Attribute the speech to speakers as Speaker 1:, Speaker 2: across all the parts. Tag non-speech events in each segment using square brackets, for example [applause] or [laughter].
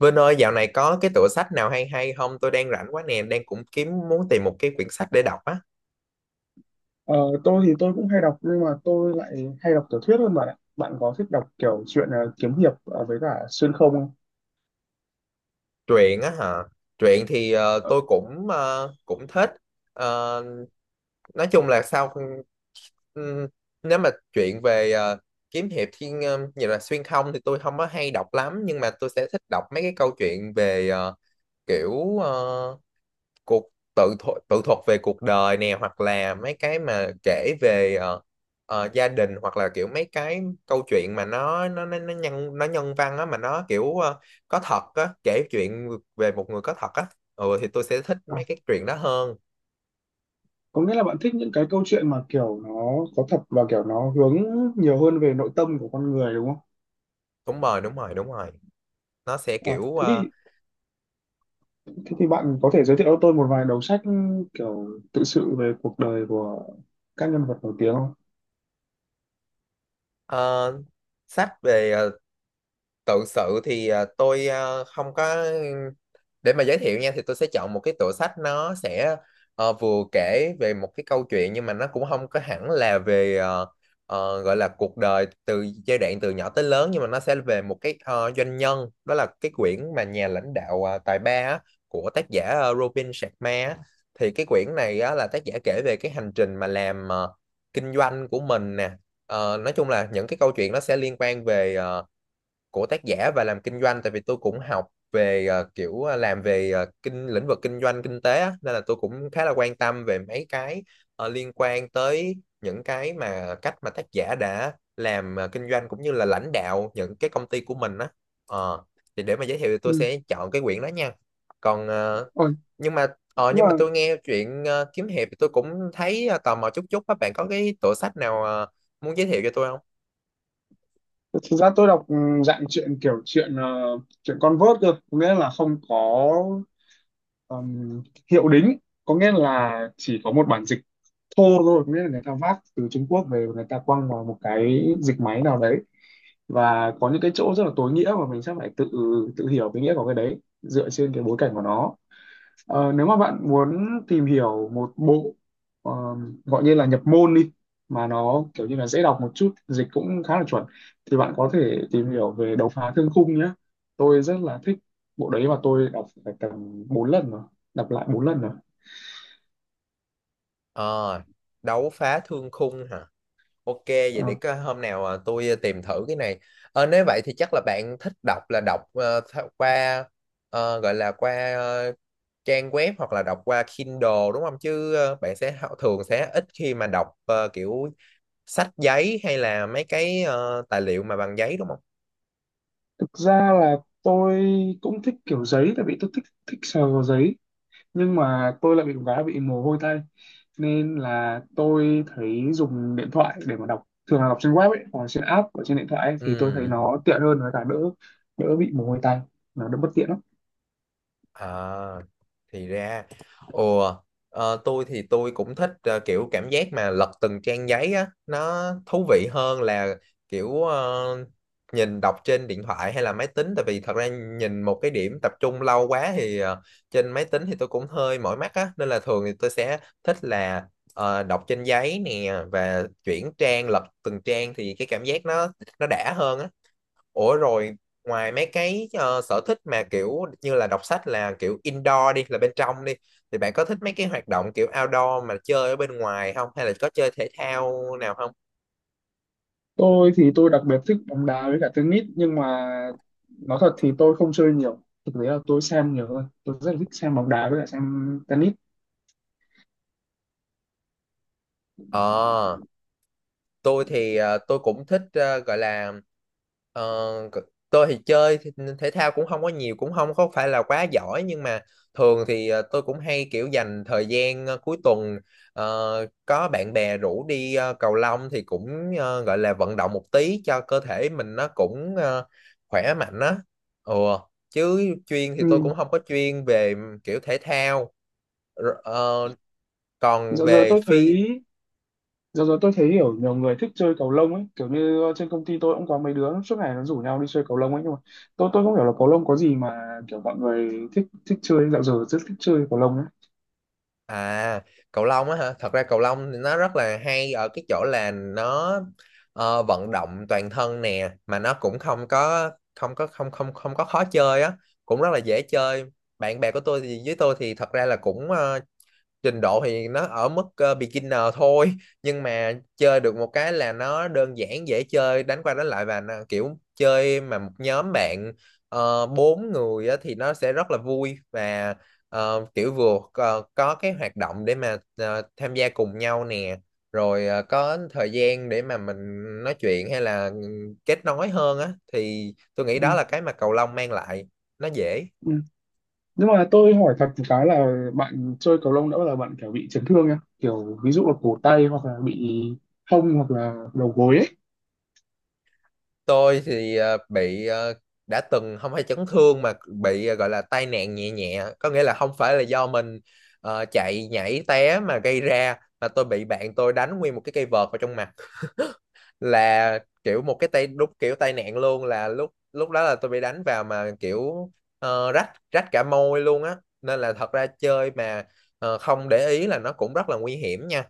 Speaker 1: Vinh ơi, dạo này có cái tựa sách nào hay hay không? Tôi đang rảnh quá nè, đang cũng kiếm muốn tìm một cái quyển sách để đọc á.
Speaker 2: Ờ, tôi thì tôi cũng hay đọc nhưng mà tôi lại hay đọc tiểu thuyết hơn bạn ạ. Bạn có thích đọc kiểu chuyện kiếm hiệp với cả xuyên không không?
Speaker 1: Truyện á hả? Truyện thì
Speaker 2: Ờ,
Speaker 1: tôi cũng thích. Ờ, nói chung là sao ừm, nếu mà chuyện về kiếm hiệp thiên như là xuyên không thì tôi không có hay đọc lắm, nhưng mà tôi sẽ thích đọc mấy cái câu chuyện về kiểu cuộc tự thuộc tự thuật về cuộc đời nè, hoặc là mấy cái mà kể về gia đình, hoặc là kiểu mấy cái câu chuyện mà nó nhân văn á, mà nó kiểu có thật á, kể chuyện về một người có thật á. Ừ thì tôi sẽ thích
Speaker 2: à,
Speaker 1: mấy cái chuyện đó hơn.
Speaker 2: có nghĩa là bạn thích những cái câu chuyện mà kiểu nó có thật và kiểu nó hướng nhiều hơn về nội tâm của con người đúng không?
Speaker 1: Đúng rồi, đúng rồi, đúng rồi. Nó sẽ
Speaker 2: Ờ,
Speaker 1: kiểu
Speaker 2: thế thì thế thì bạn có thể giới thiệu cho tôi một vài đầu sách kiểu tự sự về cuộc đời của các nhân vật nổi tiếng không?
Speaker 1: ờ, sách về tự sự thì tôi không có để mà giới thiệu nha, thì tôi sẽ chọn một cái tựa sách, nó sẽ vừa kể về một cái câu chuyện nhưng mà nó cũng không có hẳn là về gọi là cuộc đời từ giai đoạn từ nhỏ tới lớn, nhưng mà nó sẽ về một cái doanh nhân, đó là cái quyển mà nhà lãnh đạo tài ba á, của tác giả Robin Sharma á. Thì cái quyển này á, là tác giả kể về cái hành trình mà làm kinh doanh của mình nè. Ờ, nói chung là những cái câu chuyện nó sẽ liên quan về của tác giả và làm kinh doanh, tại vì tôi cũng học về kiểu làm về lĩnh vực kinh doanh kinh tế á, nên là tôi cũng khá là quan tâm về mấy cái liên quan tới những cái mà cách mà tác giả đã làm kinh doanh cũng như là lãnh đạo những cái công ty của mình á. Ờ, thì để mà giới thiệu thì tôi
Speaker 2: Ừ.
Speaker 1: sẽ chọn cái quyển đó nha. Còn
Speaker 2: Ôi,
Speaker 1: nhưng mà
Speaker 2: nhưng
Speaker 1: nhưng
Speaker 2: mà
Speaker 1: mà tôi nghe chuyện kiếm hiệp thì tôi cũng thấy tò mò chút chút á, bạn có cái tựa sách nào muốn giới thiệu cho tôi không?
Speaker 2: thực ra tôi đọc dạng chuyện kiểu chuyện chuyện con vớt cơ, có nghĩa là không có Ừm, hiệu đính, có nghĩa là chỉ có một bản dịch thô thôi, có nghĩa là người ta vác từ Trung Quốc về, người ta quăng vào một cái dịch máy nào đấy và có những cái chỗ rất là tối nghĩa mà mình sẽ phải tự tự hiểu cái nghĩa của cái đấy dựa trên cái bối cảnh của nó. Ờ, nếu mà bạn muốn tìm hiểu một bộ ờ, gọi như là nhập môn đi, mà nó kiểu như là dễ đọc một chút, dịch cũng khá là chuẩn, thì bạn có thể tìm hiểu về Độc Phá Thương Khung nhé. Tôi rất là thích bộ đấy và tôi đọc phải tầm 4 lần rồi, đọc lại 4 lần rồi.
Speaker 1: Ờ, đấu phá thương khung hả? Ok, vậy để
Speaker 2: Ờ,
Speaker 1: có hôm nào tôi tìm thử cái này. Ờ, nếu vậy thì chắc là bạn thích đọc, là đọc qua gọi là qua trang web hoặc là đọc qua Kindle đúng không? Chứ bạn sẽ thường sẽ ít khi mà đọc kiểu sách giấy hay là mấy cái tài liệu mà bằng giấy đúng không?
Speaker 2: thực ra là tôi cũng thích kiểu giấy tại vì tôi thích thích sờ vào giấy nhưng mà tôi lại bị một cái là bị mồ hôi tay, nên là tôi thấy dùng điện thoại để mà đọc, thường là đọc trên web ấy hoặc là trên app ở trên điện thoại ấy, thì tôi thấy
Speaker 1: Ừ.
Speaker 2: nó tiện hơn với cả đỡ đỡ bị mồ hôi tay, nó đỡ bất tiện lắm.
Speaker 1: À, thì ra. Ồ, tôi thì tôi cũng thích kiểu cảm giác mà lật từng trang giấy á, nó thú vị hơn là kiểu nhìn đọc trên điện thoại hay là máy tính. Tại vì thật ra nhìn một cái điểm tập trung lâu quá thì trên máy tính thì tôi cũng hơi mỏi mắt á, nên là thường thì tôi sẽ thích là đọc trên giấy nè, và chuyển trang lật từng trang thì cái cảm giác nó đã hơn á. Ủa rồi ngoài mấy cái sở thích mà kiểu như là đọc sách là kiểu indoor đi, là bên trong đi, thì bạn có thích mấy cái hoạt động kiểu outdoor mà chơi ở bên ngoài không, hay là có chơi thể thao nào không?
Speaker 2: Tôi thì tôi đặc biệt thích bóng đá với cả tennis nhưng mà nói thật thì tôi không chơi nhiều, thực tế là tôi xem nhiều hơn, tôi rất là thích xem bóng đá với cả xem tennis.
Speaker 1: Ờ, tôi thì tôi cũng thích gọi là ờ, c- tôi thì chơi thì- thể thao cũng không có nhiều, cũng không có phải là quá giỏi, nhưng mà thường thì tôi cũng hay kiểu dành thời gian cuối tuần có bạn bè rủ đi cầu lông thì cũng gọi là vận động một tí cho cơ thể mình, nó cũng khỏe mạnh á. Ừ. Chứ chuyên thì tôi
Speaker 2: Ừ.
Speaker 1: cũng không có chuyên về kiểu thể thao. Rồi, còn
Speaker 2: Dạo giờ
Speaker 1: về
Speaker 2: tôi thấy
Speaker 1: phi—
Speaker 2: giờ rồi tôi thấy hiểu nhiều người thích chơi cầu lông ấy, kiểu như trên công ty tôi cũng có mấy đứa suốt ngày nó rủ nhau đi chơi cầu lông ấy, nhưng mà tôi không hiểu là cầu lông có gì mà kiểu mọi người thích thích chơi, dạo giờ rất thích chơi cầu lông ấy.
Speaker 1: À, cầu lông á hả? Thật ra cầu lông thì nó rất là hay ở cái chỗ là nó vận động toàn thân nè, mà nó cũng không có khó chơi á, cũng rất là dễ chơi. Bạn bè của tôi thì với tôi thì thật ra là cũng trình độ thì nó ở mức beginner thôi, nhưng mà chơi được một cái là nó đơn giản dễ chơi, đánh qua đánh lại, và nó kiểu chơi mà một nhóm bạn bốn người á, thì nó sẽ rất là vui, và kiểu vừa có cái hoạt động để mà tham gia cùng nhau nè, rồi có thời gian để mà mình nói chuyện hay là ừ, kết nối hơn á, thì tôi nghĩ đó
Speaker 2: Ừ,
Speaker 1: là cái mà cầu lông mang lại, nó dễ.
Speaker 2: ừ. Nhưng mà tôi hỏi thật một cái là bạn chơi cầu lông đã bao giờ bạn kiểu bị chấn thương nhá, kiểu ví dụ là cổ tay hoặc là bị hông hoặc là đầu gối ấy.
Speaker 1: Tôi thì bị đã từng không phải chấn thương mà bị gọi là tai nạn nhẹ nhẹ, có nghĩa là không phải là do mình chạy nhảy té mà gây ra, mà tôi bị bạn tôi đánh nguyên một cái cây vợt vào trong mặt [laughs] là kiểu một cái tay đúng kiểu tai nạn luôn, là lúc lúc đó là tôi bị đánh vào mà kiểu rách rách cả môi luôn á, nên là thật ra chơi mà không để ý là nó cũng rất là nguy hiểm nha.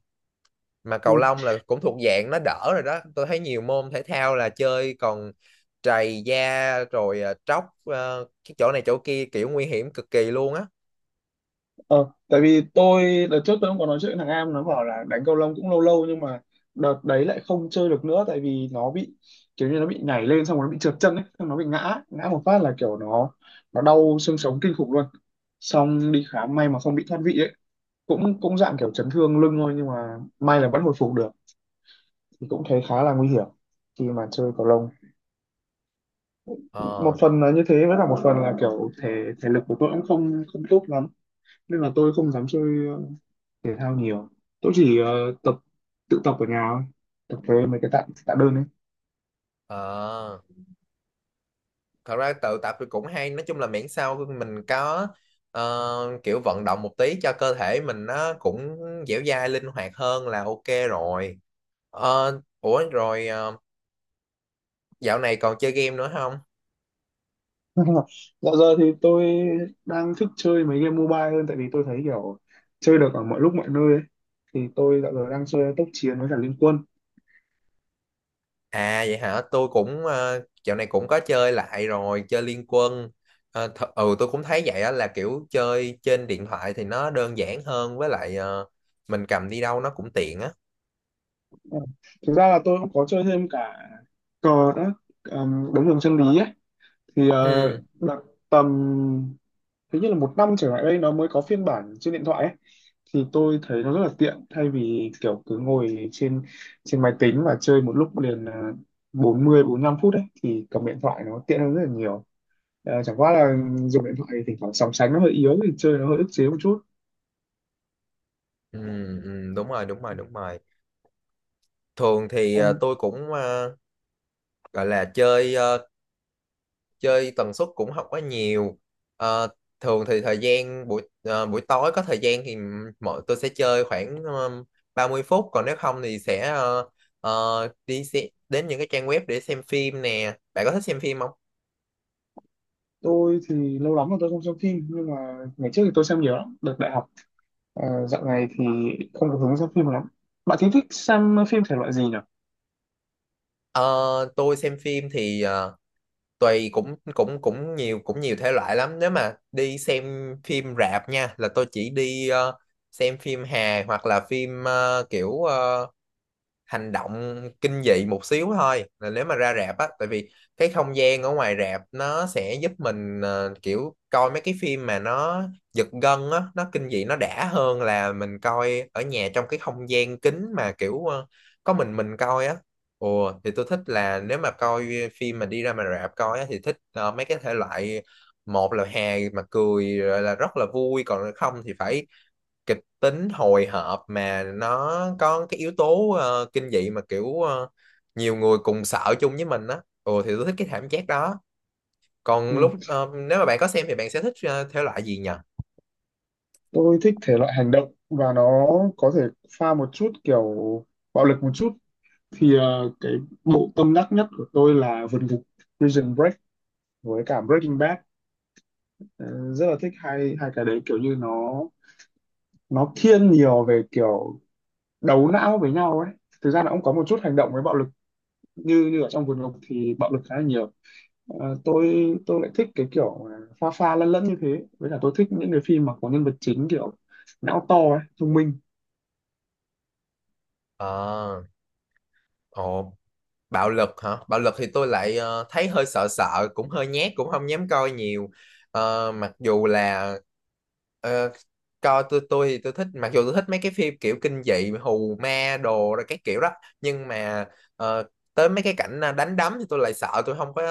Speaker 1: Mà cầu lông là cũng thuộc dạng nó đỡ rồi đó, tôi thấy nhiều môn thể thao là chơi còn trầy da, rồi tróc cái chỗ này chỗ kia, kiểu nguy hiểm cực kỳ luôn á.
Speaker 2: Ờ, tại vì tôi đợt trước tôi cũng có nói chuyện với thằng Am, nó bảo là đánh cầu lông cũng lâu lâu nhưng mà đợt đấy lại không chơi được nữa tại vì nó bị kiểu như nó bị nhảy lên xong rồi nó bị trượt chân ấy, xong nó bị ngã, ngã một phát là kiểu nó đau xương sống kinh khủng luôn. Xong đi khám may mà không bị thoát vị ấy, cũng cũng dạng kiểu chấn thương lưng thôi nhưng mà may là vẫn hồi phục được, thì cũng thấy khá là nguy hiểm khi mà chơi cầu lông. Một
Speaker 1: Ờ.
Speaker 2: phần là như thế với cả một phần là kiểu thể thể lực của tôi cũng không không tốt lắm, nên là tôi không dám chơi thể thao nhiều, tôi chỉ tập tự tập ở nhà thôi, tập với mấy cái tạ tạ đơn ấy.
Speaker 1: Ờ, thật ra tự tập thì cũng hay, nói chung là miễn sao mình có kiểu vận động một tí cho cơ thể mình, nó cũng dẻo dai linh hoạt hơn là ok rồi. Ờ, ủa rồi dạo này còn chơi game nữa không?
Speaker 2: [laughs] Dạo giờ thì tôi đang thích chơi mấy game mobile hơn tại vì tôi thấy kiểu chơi được ở mọi lúc mọi nơi ấy. Thì tôi dạo giờ đang chơi tốc chiến với cả liên quân.
Speaker 1: À vậy hả? Tôi cũng dạo này cũng có chơi lại rồi, chơi Liên Quân. Ờ, ừ tôi cũng thấy vậy á, là kiểu chơi trên điện thoại thì nó đơn giản hơn, với lại mình cầm đi đâu nó cũng tiện á.
Speaker 2: Ờ, thực ra là tôi cũng có chơi thêm cả cờ nữa, đấu trường chân lý ấy, thì
Speaker 1: Ừ,
Speaker 2: là tầm hình như là một năm trở lại đây nó mới có phiên bản trên điện thoại ấy, thì tôi thấy nó rất là tiện thay vì kiểu cứ ngồi trên trên máy tính và chơi một lúc liền à, 40 lăm phút đấy thì cầm điện thoại nó tiện hơn rất là nhiều. À, chẳng qua là dùng điện thoại thì thỉnh thoảng sóng sánh nó hơi yếu thì chơi nó hơi ức chế một chút.
Speaker 1: ừ, ừ, đúng rồi, đúng rồi, đúng rồi. Thường thì
Speaker 2: Còn
Speaker 1: tôi cũng gọi là chơi chơi tần suất cũng không có nhiều. Ờ, thường thì thời gian buổi buổi tối có thời gian thì tôi sẽ chơi khoảng 30 phút, còn nếu không thì sẽ ờ, đi xe, đến những cái trang web để xem phim nè. Bạn có thích xem phim không?
Speaker 2: tôi thì lâu lắm rồi tôi không xem phim nhưng mà ngày trước thì tôi xem nhiều lắm đợt đại học. À, dạo này thì không có hứng xem phim lắm. Bạn thì thích xem phim thể loại gì nhỉ?
Speaker 1: Ờ, tôi xem phim thì tùy, cũng cũng cũng nhiều thể loại lắm, nếu mà đi xem phim rạp nha là tôi chỉ đi xem phim hài hoặc là phim kiểu hành động, kinh dị một xíu thôi, là nếu mà ra rạp á, tại vì cái không gian ở ngoài rạp nó sẽ giúp mình kiểu coi mấy cái phim mà nó giật gân á, nó kinh dị, nó đã hơn là mình coi ở nhà trong cái không gian kín mà kiểu có mình coi á. Ồ, thì tôi thích là nếu mà coi phim mà đi ra mà rạp coi á, thì thích mấy cái thể loại, một là hài mà cười rồi là rất là vui, còn không thì phải kịch tính hồi hộp mà nó có cái yếu tố kinh dị mà kiểu nhiều người cùng sợ chung với mình á, ừ thì tôi thích cái cảm giác đó. Còn
Speaker 2: Ừ.
Speaker 1: lúc nếu mà bạn có xem thì bạn sẽ thích thể loại gì nhỉ?
Speaker 2: Tôi thích thể loại hành động và nó có thể pha một chút kiểu bạo lực một chút, thì ờ, cái bộ tâm đắc nhất của tôi là vượt ngục, Prison Break, với cả Breaking Bad. Ờ, rất là thích hai hai cái đấy, kiểu như nó thiên nhiều về kiểu đấu não với nhau ấy, thực ra nó cũng có một chút hành động với bạo lực, như như ở trong vườn ngục thì bạo lực khá là nhiều. Ờ, tôi lại thích cái kiểu mà pha pha lẫn lẫn như thế, với cả tôi thích những cái phim mà có nhân vật chính kiểu não to ấy, thông minh.
Speaker 1: Ờ. Ồ. Bạo lực hả? Bạo lực thì tôi lại thấy hơi sợ sợ, cũng hơi nhát, cũng không dám coi nhiều. Ờ, mặc dù là ờ, coi tôi thì tôi thích, mặc dù tôi thích mấy cái phim kiểu kinh dị, hù ma đồ rồi cái kiểu đó, nhưng mà ờ, tới mấy cái cảnh đánh đấm thì tôi lại sợ, tôi không có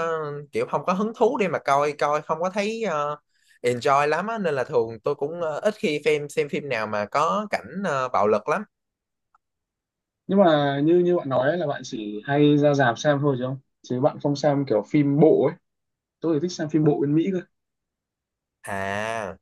Speaker 1: kiểu không có hứng thú để mà coi, coi không có thấy enjoy lắm á, nên là thường tôi cũng ít khi xem phim nào mà có cảnh bạo lực lắm.
Speaker 2: Nhưng mà như như bạn nói ấy, là bạn chỉ hay ra rạp xem thôi, chứ không, chứ bạn không xem kiểu phim bộ ấy, tôi thì thích xem phim bộ bên Mỹ cơ.
Speaker 1: À.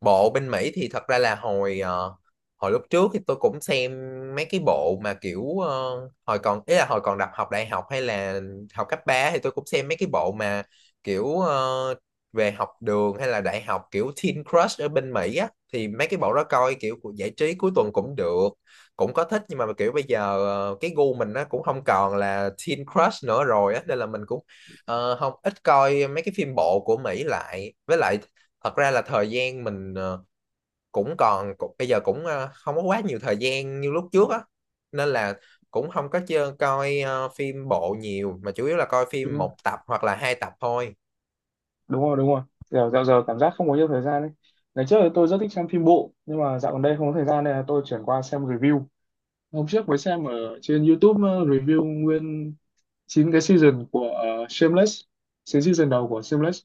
Speaker 1: Bộ bên Mỹ thì thật ra là hồi hồi lúc trước thì tôi cũng xem mấy cái bộ mà kiểu hồi còn ý là hồi còn học đại học hay là học cấp 3 thì tôi cũng xem mấy cái bộ mà kiểu về học đường hay là đại học, kiểu Teen Crush ở bên Mỹ á, thì mấy cái bộ đó coi kiểu của giải trí cuối tuần cũng được, cũng có thích, nhưng mà kiểu bây giờ cái gu mình nó cũng không còn là Teen Crush nữa rồi á, nên là mình cũng không ít coi mấy cái phim bộ của Mỹ lại. Với lại thật ra là thời gian mình bây giờ cũng không có quá nhiều thời gian như lúc trước á, nên là cũng không có coi phim bộ nhiều, mà chủ yếu là coi
Speaker 2: Đúng
Speaker 1: phim
Speaker 2: rồi,
Speaker 1: một tập hoặc là hai tập thôi.
Speaker 2: đúng rồi, đúng rồi. Dạo dạo giờ cảm giác không có nhiều thời gian đấy, ngày trước thì tôi rất thích xem phim bộ nhưng mà dạo gần đây không có thời gian, nên là tôi chuyển qua xem review. Hôm trước mới xem ở trên YouTube review nguyên 9 cái season của Shameless, 9 season đầu của Shameless.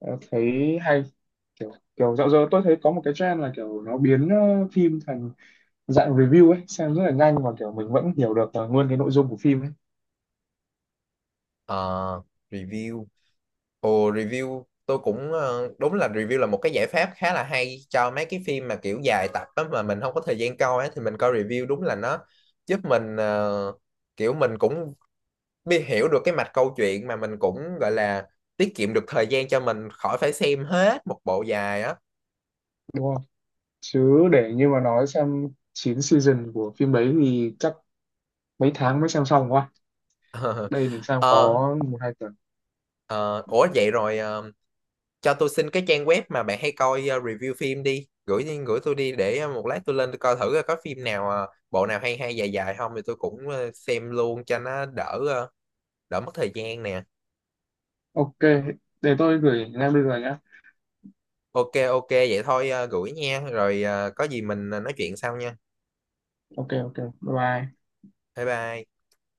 Speaker 2: Ờ, thấy hay, kiểu kiểu dạo giờ tôi thấy có một cái trend là kiểu nó biến phim thành dạng review ấy, xem rất là nhanh và kiểu mình vẫn hiểu được nguyên cái nội dung của phim ấy.
Speaker 1: Ờ, review. Ồ, review tôi cũng đúng là review là một cái giải pháp khá là hay cho mấy cái phim mà kiểu dài tập á, mà mình không có thời gian coi á, thì mình coi review đúng là nó giúp mình kiểu mình cũng hiểu được cái mạch câu chuyện, mà mình cũng gọi là tiết kiệm được thời gian cho mình khỏi phải xem hết một bộ dài á.
Speaker 2: Đúng không, chứ để như mà nói xem 9 season của phim đấy thì chắc mấy tháng mới xem xong quá, đây mình
Speaker 1: [laughs]
Speaker 2: xem có
Speaker 1: Ờ.
Speaker 2: một hai tuần.
Speaker 1: Ờ, ủa vậy rồi cho tôi xin cái trang web mà bạn hay coi review phim đi, gửi đi, gửi tôi đi, để một lát tôi lên tôi coi thử coi có phim nào bộ nào hay hay dài dài không, thì tôi cũng xem luôn cho nó đỡ đỡ mất thời gian nè.
Speaker 2: Ok, để tôi gửi ngay bây giờ nhá.
Speaker 1: Ok, ok vậy thôi, gửi nha, rồi có gì mình nói chuyện sau nha.
Speaker 2: Ok, ok, bye. Bye.
Speaker 1: Bye bye.